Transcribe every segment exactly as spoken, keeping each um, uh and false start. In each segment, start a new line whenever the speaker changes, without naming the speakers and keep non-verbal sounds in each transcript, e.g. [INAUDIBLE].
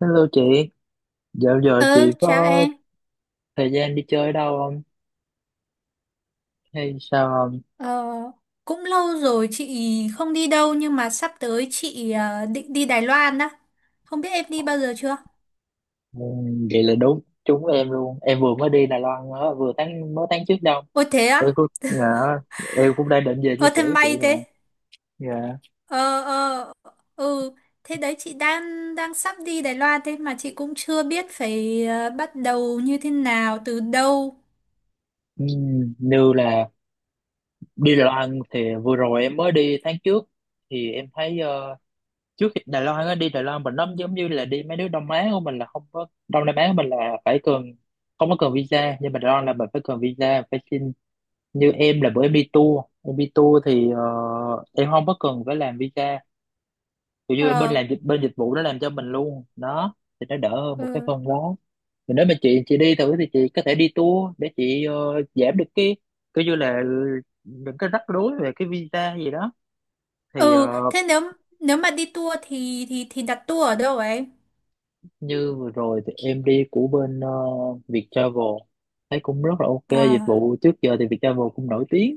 Hello chị, dạo giờ
Ừ,
chị
chào
có
em.
thời gian đi chơi đâu không? Hay sao không?
Ờ, cũng lâu rồi chị không đi đâu nhưng mà sắp tới chị ờ, định đi Đài Loan đó. Không biết em đi bao giờ chưa?
Ừ, vậy là đúng, trúng em luôn. Em vừa mới đi Đài Loan mới- vừa tháng mới tháng trước đâu.
Ôi thế á?
Em cũng dạ, em cũng đang định về chia
Ờ, thế
sẻ với chị
may
nè.
thế.
Dạ.
Ờ ờ ừ, Thế đấy chị đang đang sắp đi Đài Loan thế mà chị cũng chưa biết phải ờ, bắt đầu như thế nào, từ đâu.
Ừ, như là đi Đài Loan thì vừa rồi em mới đi tháng trước, thì em thấy ờ, trước khi Đài Loan á, đi Đài Loan mình nó giống như là đi mấy nước Đông Á của mình, là không có Đông Nam Á của mình là phải cần không có cần visa, nhưng mà Đài Loan là mình phải cần visa, phải xin. Như em là bữa em đi tour, em đi tour thì ờ, em không có cần phải làm visa, kiểu như bên
Ờ,
làm dịch bên dịch vụ nó làm cho mình luôn đó, thì nó đỡ hơn một cái
ừ.
phần đó. Thì nếu mà chị chị đi thử thì chị có thể đi tour để chị ờ, giảm được cái kiểu như là những cái rắc rối về cái visa gì đó. Thì ờ,
Ừ, thế nếu nếu mà đi tour thì thì thì đặt tour ở đâu ấy?
như vừa rồi thì em đi của bên ờ, Viettravel, thấy cũng rất là ok, dịch
À,
vụ trước giờ thì Viettravel cũng nổi tiếng.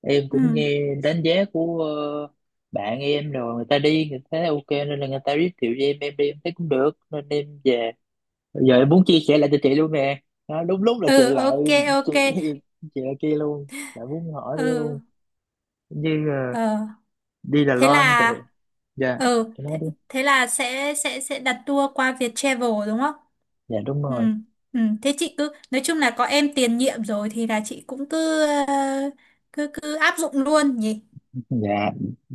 Em
ừ.
cũng nghe đánh giá của ờ, bạn em rồi, người ta đi người ta thấy ok, nên là người ta giới thiệu cho em em đi em thấy cũng được nên em về. Bây giờ em muốn chia sẻ lại cho chị luôn nè. Đó, đúng lúc là
Ừ,
chị lại
ok,
chị,
ok.
[LAUGHS] chị lại kia luôn, lại muốn hỏi nữa
Ừ.
luôn. Như ờ,
Ờ
đi Đài
thế
Loan thì,
là
dạ
ờ
chị nói
thế,
đi.
Thế là sẽ sẽ sẽ đặt tour qua Viettravel đúng không?
Dạ đúng
Ừ,
rồi.
ừ, thế chị cứ nói chung là có em tiền nhiệm rồi thì là chị cũng cứ ờ, cứ cứ áp dụng luôn nhỉ.
Dạ,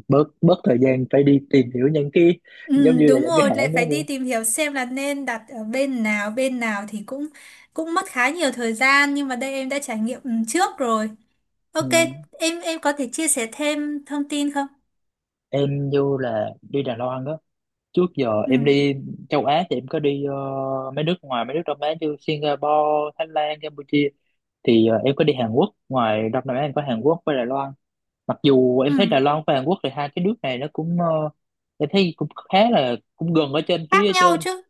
bớt bớt thời gian phải đi tìm hiểu những cái giống
Ừ,
như là
đúng
những cái
rồi lại
hãng đó
phải đi
luôn.
tìm hiểu xem là nên đặt ở bên nào, bên nào thì cũng cũng mất khá nhiều thời gian nhưng mà đây em đã trải nghiệm ừ, trước rồi.
Ừ.
Ok, em em có thể chia sẻ thêm thông tin không?
Em vô là đi Đài Loan đó. Trước giờ
Ừ,
em đi châu Á thì em có đi ờ, mấy nước ngoài mấy nước Đông Á như Singapore, Thái Lan, Campuchia, thì ờ, em có đi Hàn Quốc. Ngoài Đông Nam Á em có Hàn Quốc với Đài Loan. Mặc dù
ừ,
em thấy Đài Loan và Hàn Quốc thì hai cái nước này nó cũng ờ, em thấy cũng khá là cũng gần ở trên
khác
phía
nhau
trên,
chứ.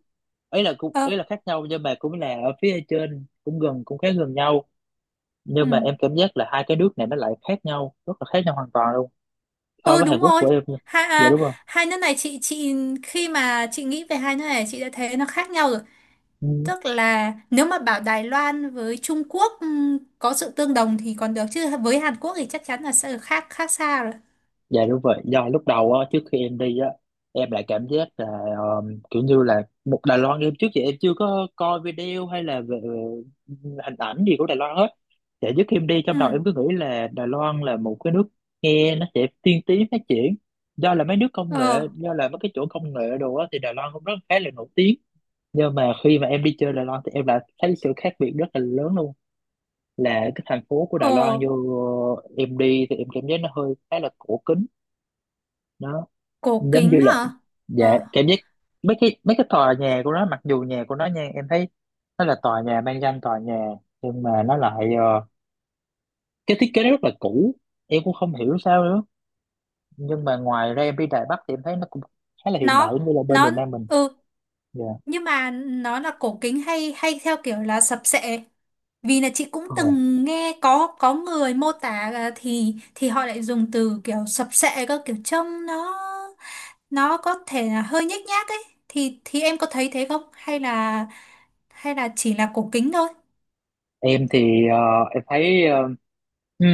ấy là cũng
Ờ,
ấy là khác nhau nhưng mà cũng là ở phía trên, cũng gần cũng khá gần nhau.
ừ,
Nhưng mà em cảm giác là hai cái nước này nó lại khác nhau, rất là khác nhau hoàn toàn luôn so
ừ,
với
đúng
Hàn Quốc của
rồi.
em nha.
Hai
Dạ
à,
đúng.
hai nước này chị chị khi mà chị nghĩ về hai nước này chị đã thấy nó khác nhau rồi.
Không
Tức là nếu mà bảo Đài Loan với Trung Quốc ừm, có sự tương đồng thì còn được chứ với Hàn Quốc thì chắc chắn là sẽ khác khác xa rồi.
Dạ đúng vậy, do lúc đầu á, trước khi em đi á, em lại cảm giác là um, kiểu như là một Đài Loan, em trước giờ em chưa có coi video hay là về hình ảnh gì của Đài Loan hết. Dạ trước khi em đi
Ừ,
trong đầu em cứ nghĩ là Đài Loan là một cái nước nghe nó sẽ tiên tiến phát triển. Do là mấy nước công
ờ,
nghệ, do là mấy cái chỗ công nghệ đồ á thì Đài Loan cũng rất khá là nổi tiếng. Nhưng mà khi mà em đi chơi Đài Loan thì em lại thấy sự khác biệt rất là lớn luôn. Là cái thành phố của Đài Loan
ờ,
vô em đi thì em cảm giác nó hơi khá là cổ kính. Đó,
cổ
giống như
kính
là,
hả?
dạ
Ờ
cảm giác mấy cái mấy cái tòa nhà của nó, mặc dù nhà của nó nha, em thấy nó là tòa nhà mang danh tòa nhà nhưng mà nó lại ờ, cái thiết kế nó rất là cũ, em cũng không hiểu sao nữa. Nhưng mà ngoài ra em đi Đài Bắc thì em thấy nó cũng khá là hiện đại
nó
như là bên
nó
miền Nam mình.
ừ
Dạ.
Nhưng mà nó là cổ kính hay hay theo kiểu là sập sệ. Vì là chị cũng
Ờ,
từng nghe có có người mô tả là thì thì họ lại dùng từ kiểu sập sệ cơ, kiểu trông nó nó có thể là hơi nhếch nhác ấy, thì thì em có thấy thế không, hay là hay là chỉ là cổ kính thôi?
em thì ờ, em thấy ờ, ừ,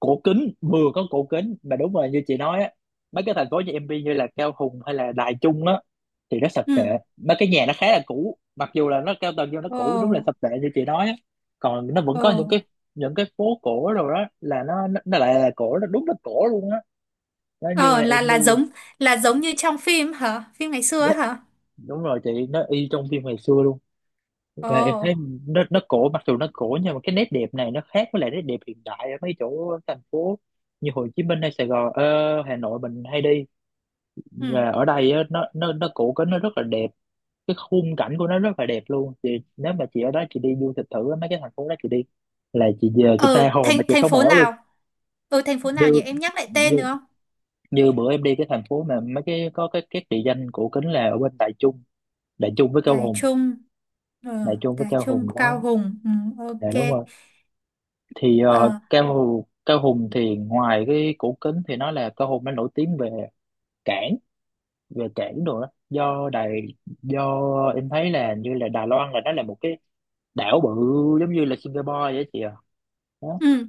cổ kính, vừa có cổ kính mà đúng rồi như chị nói á, mấy cái thành phố như M B, như là Cao Hùng hay là Đài Trung á, thì nó sập
Ừ,
sệ, mấy cái nhà nó khá là cũ, mặc dù là nó cao tầng nhưng nó
ồ,
cũ, đúng là sập sệ như chị nói á. Còn nó vẫn
ồ,
có những cái, những cái phố cổ rồi, đó là nó nó, nó lại là cổ, nó đúng là cổ luôn á, nó như
ờ,
là
là
M B.
là giống là giống như trong phim hả? Phim ngày xưa ấy
Dạ,
hả?
đúng rồi chị, nó y trong phim ngày xưa luôn.
Ồ.
Và em thấy nó nó cổ, mặc dù nó cổ nhưng mà cái nét đẹp này nó khác với lại nét đẹp hiện đại ở mấy chỗ thành phố như Hồ Chí Minh hay Sài Gòn, ờ, Hà Nội mình hay đi.
ừ
Và ở đây á, nó nó nó cổ kính, nó rất là đẹp, cái khung cảnh của nó rất là đẹp luôn. Thì nếu mà chị ở đó chị đi du lịch thử á, mấy cái thành phố đó chị đi là chị về chị
ờ,
tha hồ
thành
mà chị
thành
sống
phố
ảo luôn.
nào? Ừ, thành phố nào
như
nhỉ, em nhắc lại tên
như
được không?
như bữa em đi cái thành phố mà mấy cái có cái cái địa danh cổ kính là ở bên Đại Trung, Đại Trung với Cao
Đài
Hùng,
Trung. Ờ,
Đại Trung với
Đài
Cao Hùng
Trung,
đó
Cao Hùng. Ừ,
là đúng
ok.
rồi. Thì ờ,
Ờ.
Cao Hùng, Cao Hùng thì ngoài cái cổ kính thì nó là Cao Hùng nó nổi tiếng về cảng, về cảng đồ đó, do Đài, do em thấy là như là Đài Loan là nó là một cái đảo bự giống như là Singapore vậy chị à. Đó.
Ừ.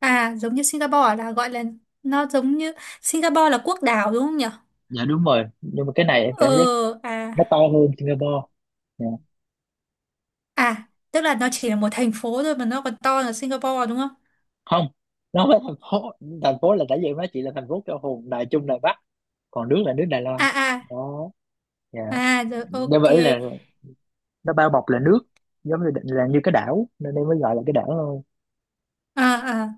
À, giống như Singapore là gọi là nó giống như Singapore là quốc đảo đúng không nhỉ?
Dạ đúng rồi, nhưng mà cái này em
Ờ,
cảm giác
à,
nó to hơn Singapore. Dạ.
à, tức là nó chỉ là một thành phố thôi mà nó còn to là Singapore đúng không?
Không, nó không phải thành phố, thành phố là tại vì em nói chị là thành phố cho hùng Đài Trung Đài Bắc, còn nước là nước Đài Loan
À, à,
đó. Dạ.
à, rồi,
Nên
ok.
vậy là nó bao bọc là nước, giống như là như cái đảo nên em mới gọi là cái đảo thôi.
À, à.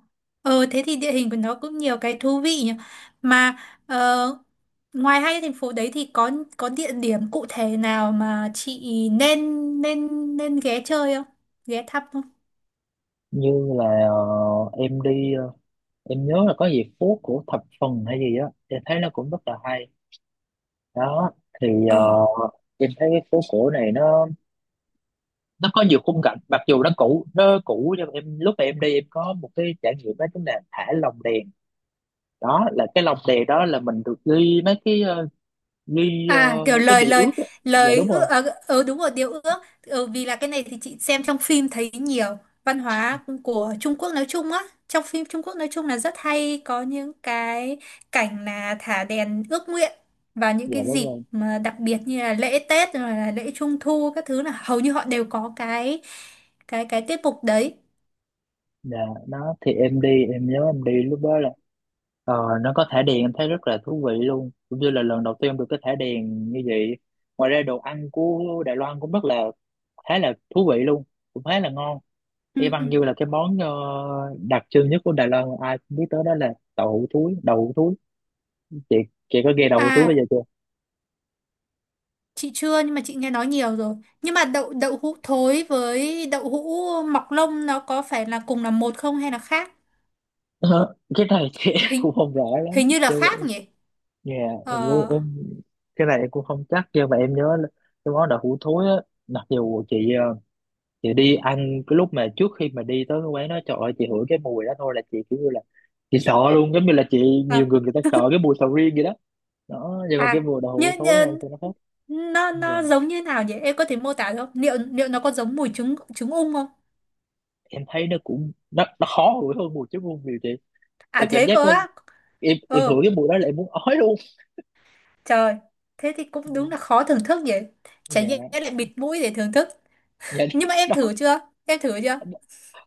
Ờ, thế thì địa hình của nó cũng nhiều cái thú vị nhỉ. Mà ờ, ngoài hai cái thành phố đấy thì có có địa điểm cụ thể nào mà chị nên nên nên ghé chơi không? Ghé thăm không?
Như là ờ, em đi ờ, em nhớ là có gì phố của thập phần hay gì á, em thấy nó cũng rất là hay đó. Thì ờ,
Ờ.
em thấy cái phố cổ này nó nó có nhiều khung cảnh, mặc dù nó cũ nó cũ nhưng mà em lúc mà em đi em có một cái trải nghiệm đó, chính là thả lồng đèn. Đó là cái lồng đèn đó là mình được ghi mấy cái ờ, ghi ờ,
À, kiểu
cái
lời
điều
lời
ước á. Dạ
lời
đúng
ước.
rồi.
ờ ờ, Đúng rồi, điều ước. ờ, Vì là cái này thì chị xem trong phim thấy nhiều văn hóa của Trung Quốc nói chung á, trong phim Trung Quốc nói chung là rất hay có những cái cảnh là thả đèn ước nguyện. Và những
Dạ
cái
đúng
dịp
rồi.
mà đặc biệt như là lễ Tết rồi là lễ Trung thu các thứ là hầu như họ đều có cái cái cái tiết mục đấy.
Dạ nó thì em đi em nhớ em đi lúc đó là ờ, nó có thả đèn em thấy rất là thú vị luôn, cũng như là lần đầu tiên em được cái thả đèn như vậy. Ngoài ra đồ ăn của Đài Loan cũng rất là khá là thú vị luôn, cũng khá là ngon,
Ừ,
y
ừ.
văn như là cái món ờ, đặc trưng nhất của Đài Loan mà ai cũng biết tới đó là đậu hũ thúi, đậu hũ thúi chị chị có nghe đậu hũ thúi bây
À,
giờ chưa?
chị chưa nhưng mà chị nghe nói nhiều rồi. Nhưng mà đậu đậu hũ thối với đậu hũ mọc lông nó có phải là cùng là một không hay là khác?
Ờ, cái này thì [LAUGHS] em
Hình
cũng không rõ
hình
lắm
như là
chứ
khác nhỉ?
nhà, như em nhớ-
Ờ,
em cái này em cũng không chắc nhưng mà em nhớ là cái món đậu hũ thối á, mặc dù chị ờ, chị đi ăn, cái lúc mà trước khi mà đi tới cái quán đó trời ơi chị hửi cái mùi đó thôi là chị kiểu như là chị sợ luôn, giống như là chị nhiều
à,
người người ta sợ cái
[LAUGHS]
mùi sầu riêng vậy đó. Đó nhưng mà cái
à,
mùi đậu hũ
như,
thối này
như,
thì nó khác.
nó nó giống như nào nhỉ? Em có thể mô tả được không? Liệu liệu nó có giống mùi trứng trứng ung không?
Em thấy nó cũng nó, nó khó đuổi hơn mùi chó muôn nhiều chị.
À
Em cảm
thế
giác
cơ
nó,
á.
em em hửi
Ờ,
cái mùi đó là em muốn ói luôn.
trời. Thế thì cũng đúng là khó thưởng thức nhỉ. Chả nhẽ
Dạ.
lại bịt mũi để thưởng thức.
Dạ
Nhưng mà
[LAUGHS]
em
đó.
thử chưa? Em thử chưa?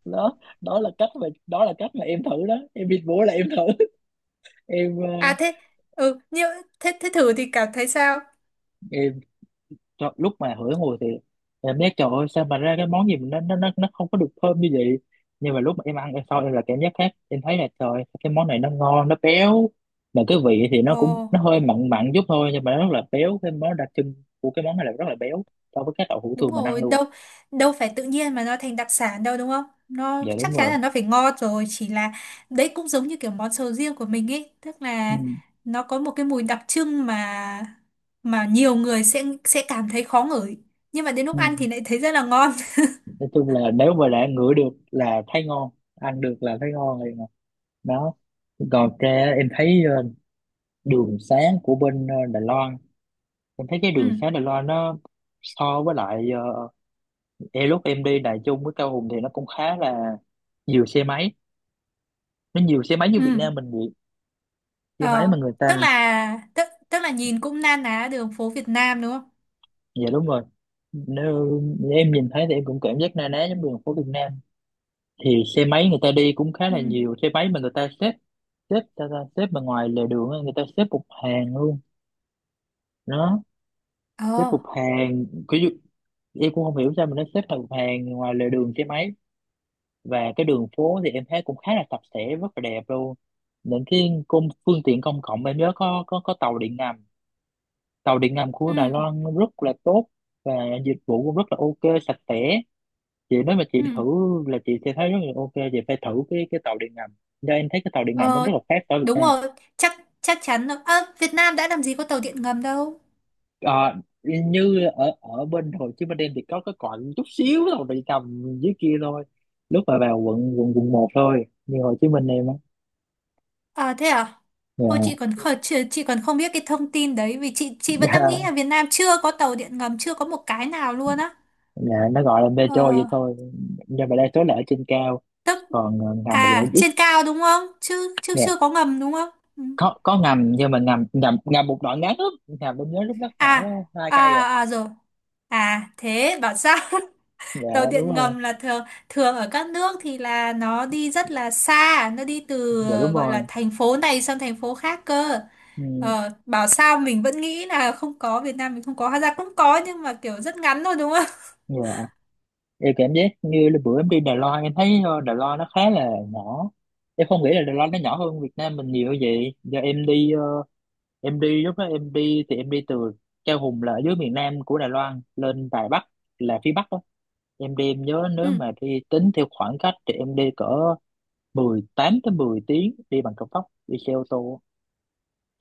Đó đó là cách mà, đó là cách mà em thử đó, em bị bố là em thử [LAUGHS] em ờ,
À, thế, ừ, nhưng thế thế thử thì cảm thấy sao?
em cho, lúc mà hửi ngồi thì em biết trời ơi sao mà ra cái món gì mà nó nó nó nó không có được thơm như vậy. Nhưng mà lúc mà em ăn em sau em là cảm giác khác, em thấy là trời cái món này nó ngon nó béo, mà cái vị thì nó
Ồ.
cũng nó hơi mặn mặn chút thôi nhưng mà nó rất là béo. Cái món đặc trưng của cái món này là rất là béo so với các đậu hũ
Đúng
thường mình ăn
rồi,
luôn.
đâu đâu phải tự nhiên mà nó thành đặc sản đâu đúng không? Nó
Dạ
chắc
đúng
chắn
rồi.
là nó phải ngon rồi, chỉ là đấy cũng giống như kiểu món sầu riêng của mình ấy, tức
Ừ.
là nó có một cái mùi đặc trưng mà mà nhiều người sẽ sẽ cảm thấy khó ngửi, nhưng mà đến lúc
Ừ.
ăn thì lại thấy rất là ngon. [LAUGHS]
Nói chung là nếu mà đã ngửi được là thấy ngon, ăn được là thấy ngon rồi mà. Đó, còn ra em thấy ờ, đường sáng của bên ờ, Đài Loan, em thấy cái
Ừ,
đường xá Đài Loan nó so với lại ờ, e lúc em đi Đài Trung với Cao Hùng thì nó cũng khá là nhiều xe máy, nó nhiều xe máy như Việt
ừ.
Nam mình vậy. Xe máy mà
Ờ,
người
tức
ta,
là tức tức là nhìn cũng na ná đường phố Việt Nam đúng không?
dạ đúng rồi. Nếu em nhìn thấy thì em cũng cảm giác na ná giống đường phố Việt Nam, thì xe máy người ta đi cũng khá
Ừ.
là nhiều xe máy mà người ta xếp, xếp ta, ta xếp mà ngoài lề đường á, người ta xếp một hàng luôn. Đó, xếp
Ờ.
một hàng, ví dụ em cũng không hiểu sao mà nó xếp thành một hàng ngoài lề đường xe máy. Và cái đường phố thì em thấy cũng khá là sạch sẽ, rất là đẹp luôn. Những cái công phương tiện công cộng em nhớ có có có tàu điện ngầm, tàu điện ngầm của Đài
Ừ.
Loan rất là tốt. Và dịch vụ cũng rất là ok, sạch sẽ. Chị nếu mà chị
Ừ.
thử là chị sẽ thấy rất là ok, chị phải thử cái cái tàu điện ngầm, do em thấy cái tàu điện ngầm nó rất
Ờ,
là khác ở Việt
đúng
Nam.
rồi, chắc chắc chắn rồi. Ơ, Việt Nam đã làm gì có tàu điện ngầm đâu.
Ờ, như ở ở bên Hồ Chí Minh em thì có cái còn chút xíu tàu điện ngầm dưới kia thôi, lúc mà vào quận quận quận một thôi, như Hồ Chí Minh em á.
À thế à? Ôi, chị còn kh- chị, chị còn không biết cái thông tin đấy vì chị chị vẫn đang
Yeah.
nghĩ
[LAUGHS]
là Việt Nam chưa có tàu điện ngầm chưa có một cái nào luôn á.
Dạ, nó gọi là metro
Ờ
vậy thôi, nhưng mà đa số là ở trên cao,
tức
còn ờ, ngầm thì lại
à
ít.
trên cao đúng không? Chứ chứ
Dạ,
chưa có ngầm đúng không? Ừ.
có có ngầm nhưng mà ngầm ngầm ngầm một đoạn ngắn lắm. Ngầm bên nhớ lúc đó khoảng
À,
hai
à,
cây à.
à, rồi. À, thế bảo sao, [LAUGHS] tàu
Dạ đúng
điện
rồi,
ngầm là thường thường ở các nước thì là nó đi rất là xa, nó đi từ
dạ đúng
gọi
rồi,
là thành phố này sang thành phố khác cơ.
ừ,
Ờ, bảo sao mình vẫn nghĩ là không có, Việt Nam mình không có, hóa ra cũng có nhưng mà kiểu rất ngắn thôi đúng không? [LAUGHS]
dạ. Em cảm giác như là bữa em đi Đài Loan em thấy ờ, Đài Loan nó khá là nhỏ, em không nghĩ là Đài Loan nó nhỏ hơn Việt Nam mình nhiều như vậy. Giờ em đi ờ, em đi, lúc đó em đi thì em đi từ Chao Hùng là ở dưới miền Nam của Đài Loan lên Đài Bắc là phía Bắc đó. Em đi em nhớ nếu
Ừ.
mà đi tính theo khoảng cách thì em đi cỡ mười tám tới mười tiếng đi bằng cao tốc, đi xe ô tô.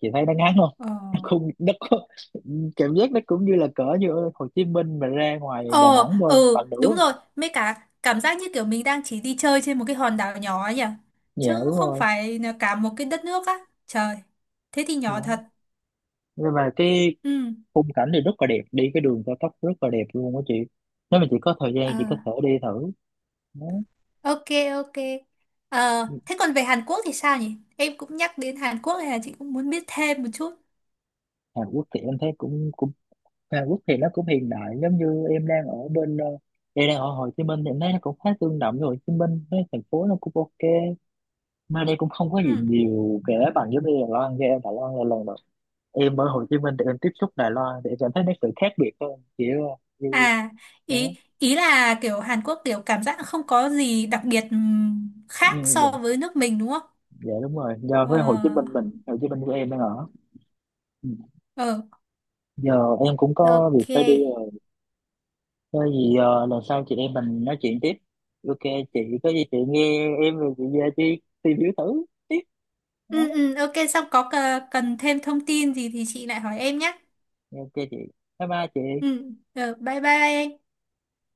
Chị thấy nó ngắn không?
Ờ,
[LAUGHS] nó không nó có, Cảm giác nó cũng như là cỡ như ở Hồ Chí Minh mà ra ngoài
ờ,
Đà Nẵng thôi,
ừ,
bằng
đúng
nửa.
rồi. Mấy cả cảm giác như kiểu mình đang chỉ đi chơi trên một cái hòn đảo nhỏ ấy nhỉ?
Dạ
Chứ cũng
đúng
không
rồi.
phải là cả một cái đất nước á. Trời, thế thì nhỏ
Đó.
thật.
Nhưng mà cái
Ừ.
khung cảnh thì rất là đẹp, đi cái đường cao tốc rất là đẹp luôn á chị. Nếu mà chị có thời gian
Ờ,
chị có thể đi thử. Đó.
ok, ok. Ờ, thế còn về Hàn Quốc thì sao nhỉ? Em cũng nhắc đến Hàn Quốc này là chị cũng muốn biết thêm một chút.
Hàn Quốc thì em thấy cũng cũng Hàn Quốc thì nó cũng hiện đại, giống như em đang ở bên ờ, em đang ở Hồ Chí Minh thì em thấy nó cũng khá tương đồng với Hồ Chí Minh, cái thành phố nó cũng ok. Mà đây cũng không có gì
Ừ.
nhiều kể bằng giống như Đài Loan kia em, Đài Loan là lần đầu em ở Hồ Chí Minh thì em tiếp xúc, Đài Loan thì em cảm thấy nó sự khác biệt hơn, kiểu ờ, như.
À,
Đó,
ý ý là kiểu Hàn Quốc kiểu cảm giác không có gì đặc biệt ừm,
ừ,
khác
dạ,
so với nước mình đúng không?
dạ đúng rồi, giờ
Ờ,
với Hồ Chí Minh mình, Hồ Chí Minh của em đang ở. Ừ.
ờ,
Giờ em cũng có việc phải đi
ok.
rồi, có gì ờ, lần sau chị em mình nói chuyện tiếp. Ok chị, có gì chị nghe em rồi chị về chị tìm hiểu thử. Đó,
Ừ, ừ, ok, xong có cờ- cần thêm thông tin gì thì chị lại hỏi em nhé.
ok chị, bye bye chị.
Ừ, ờ, bye bye, anh.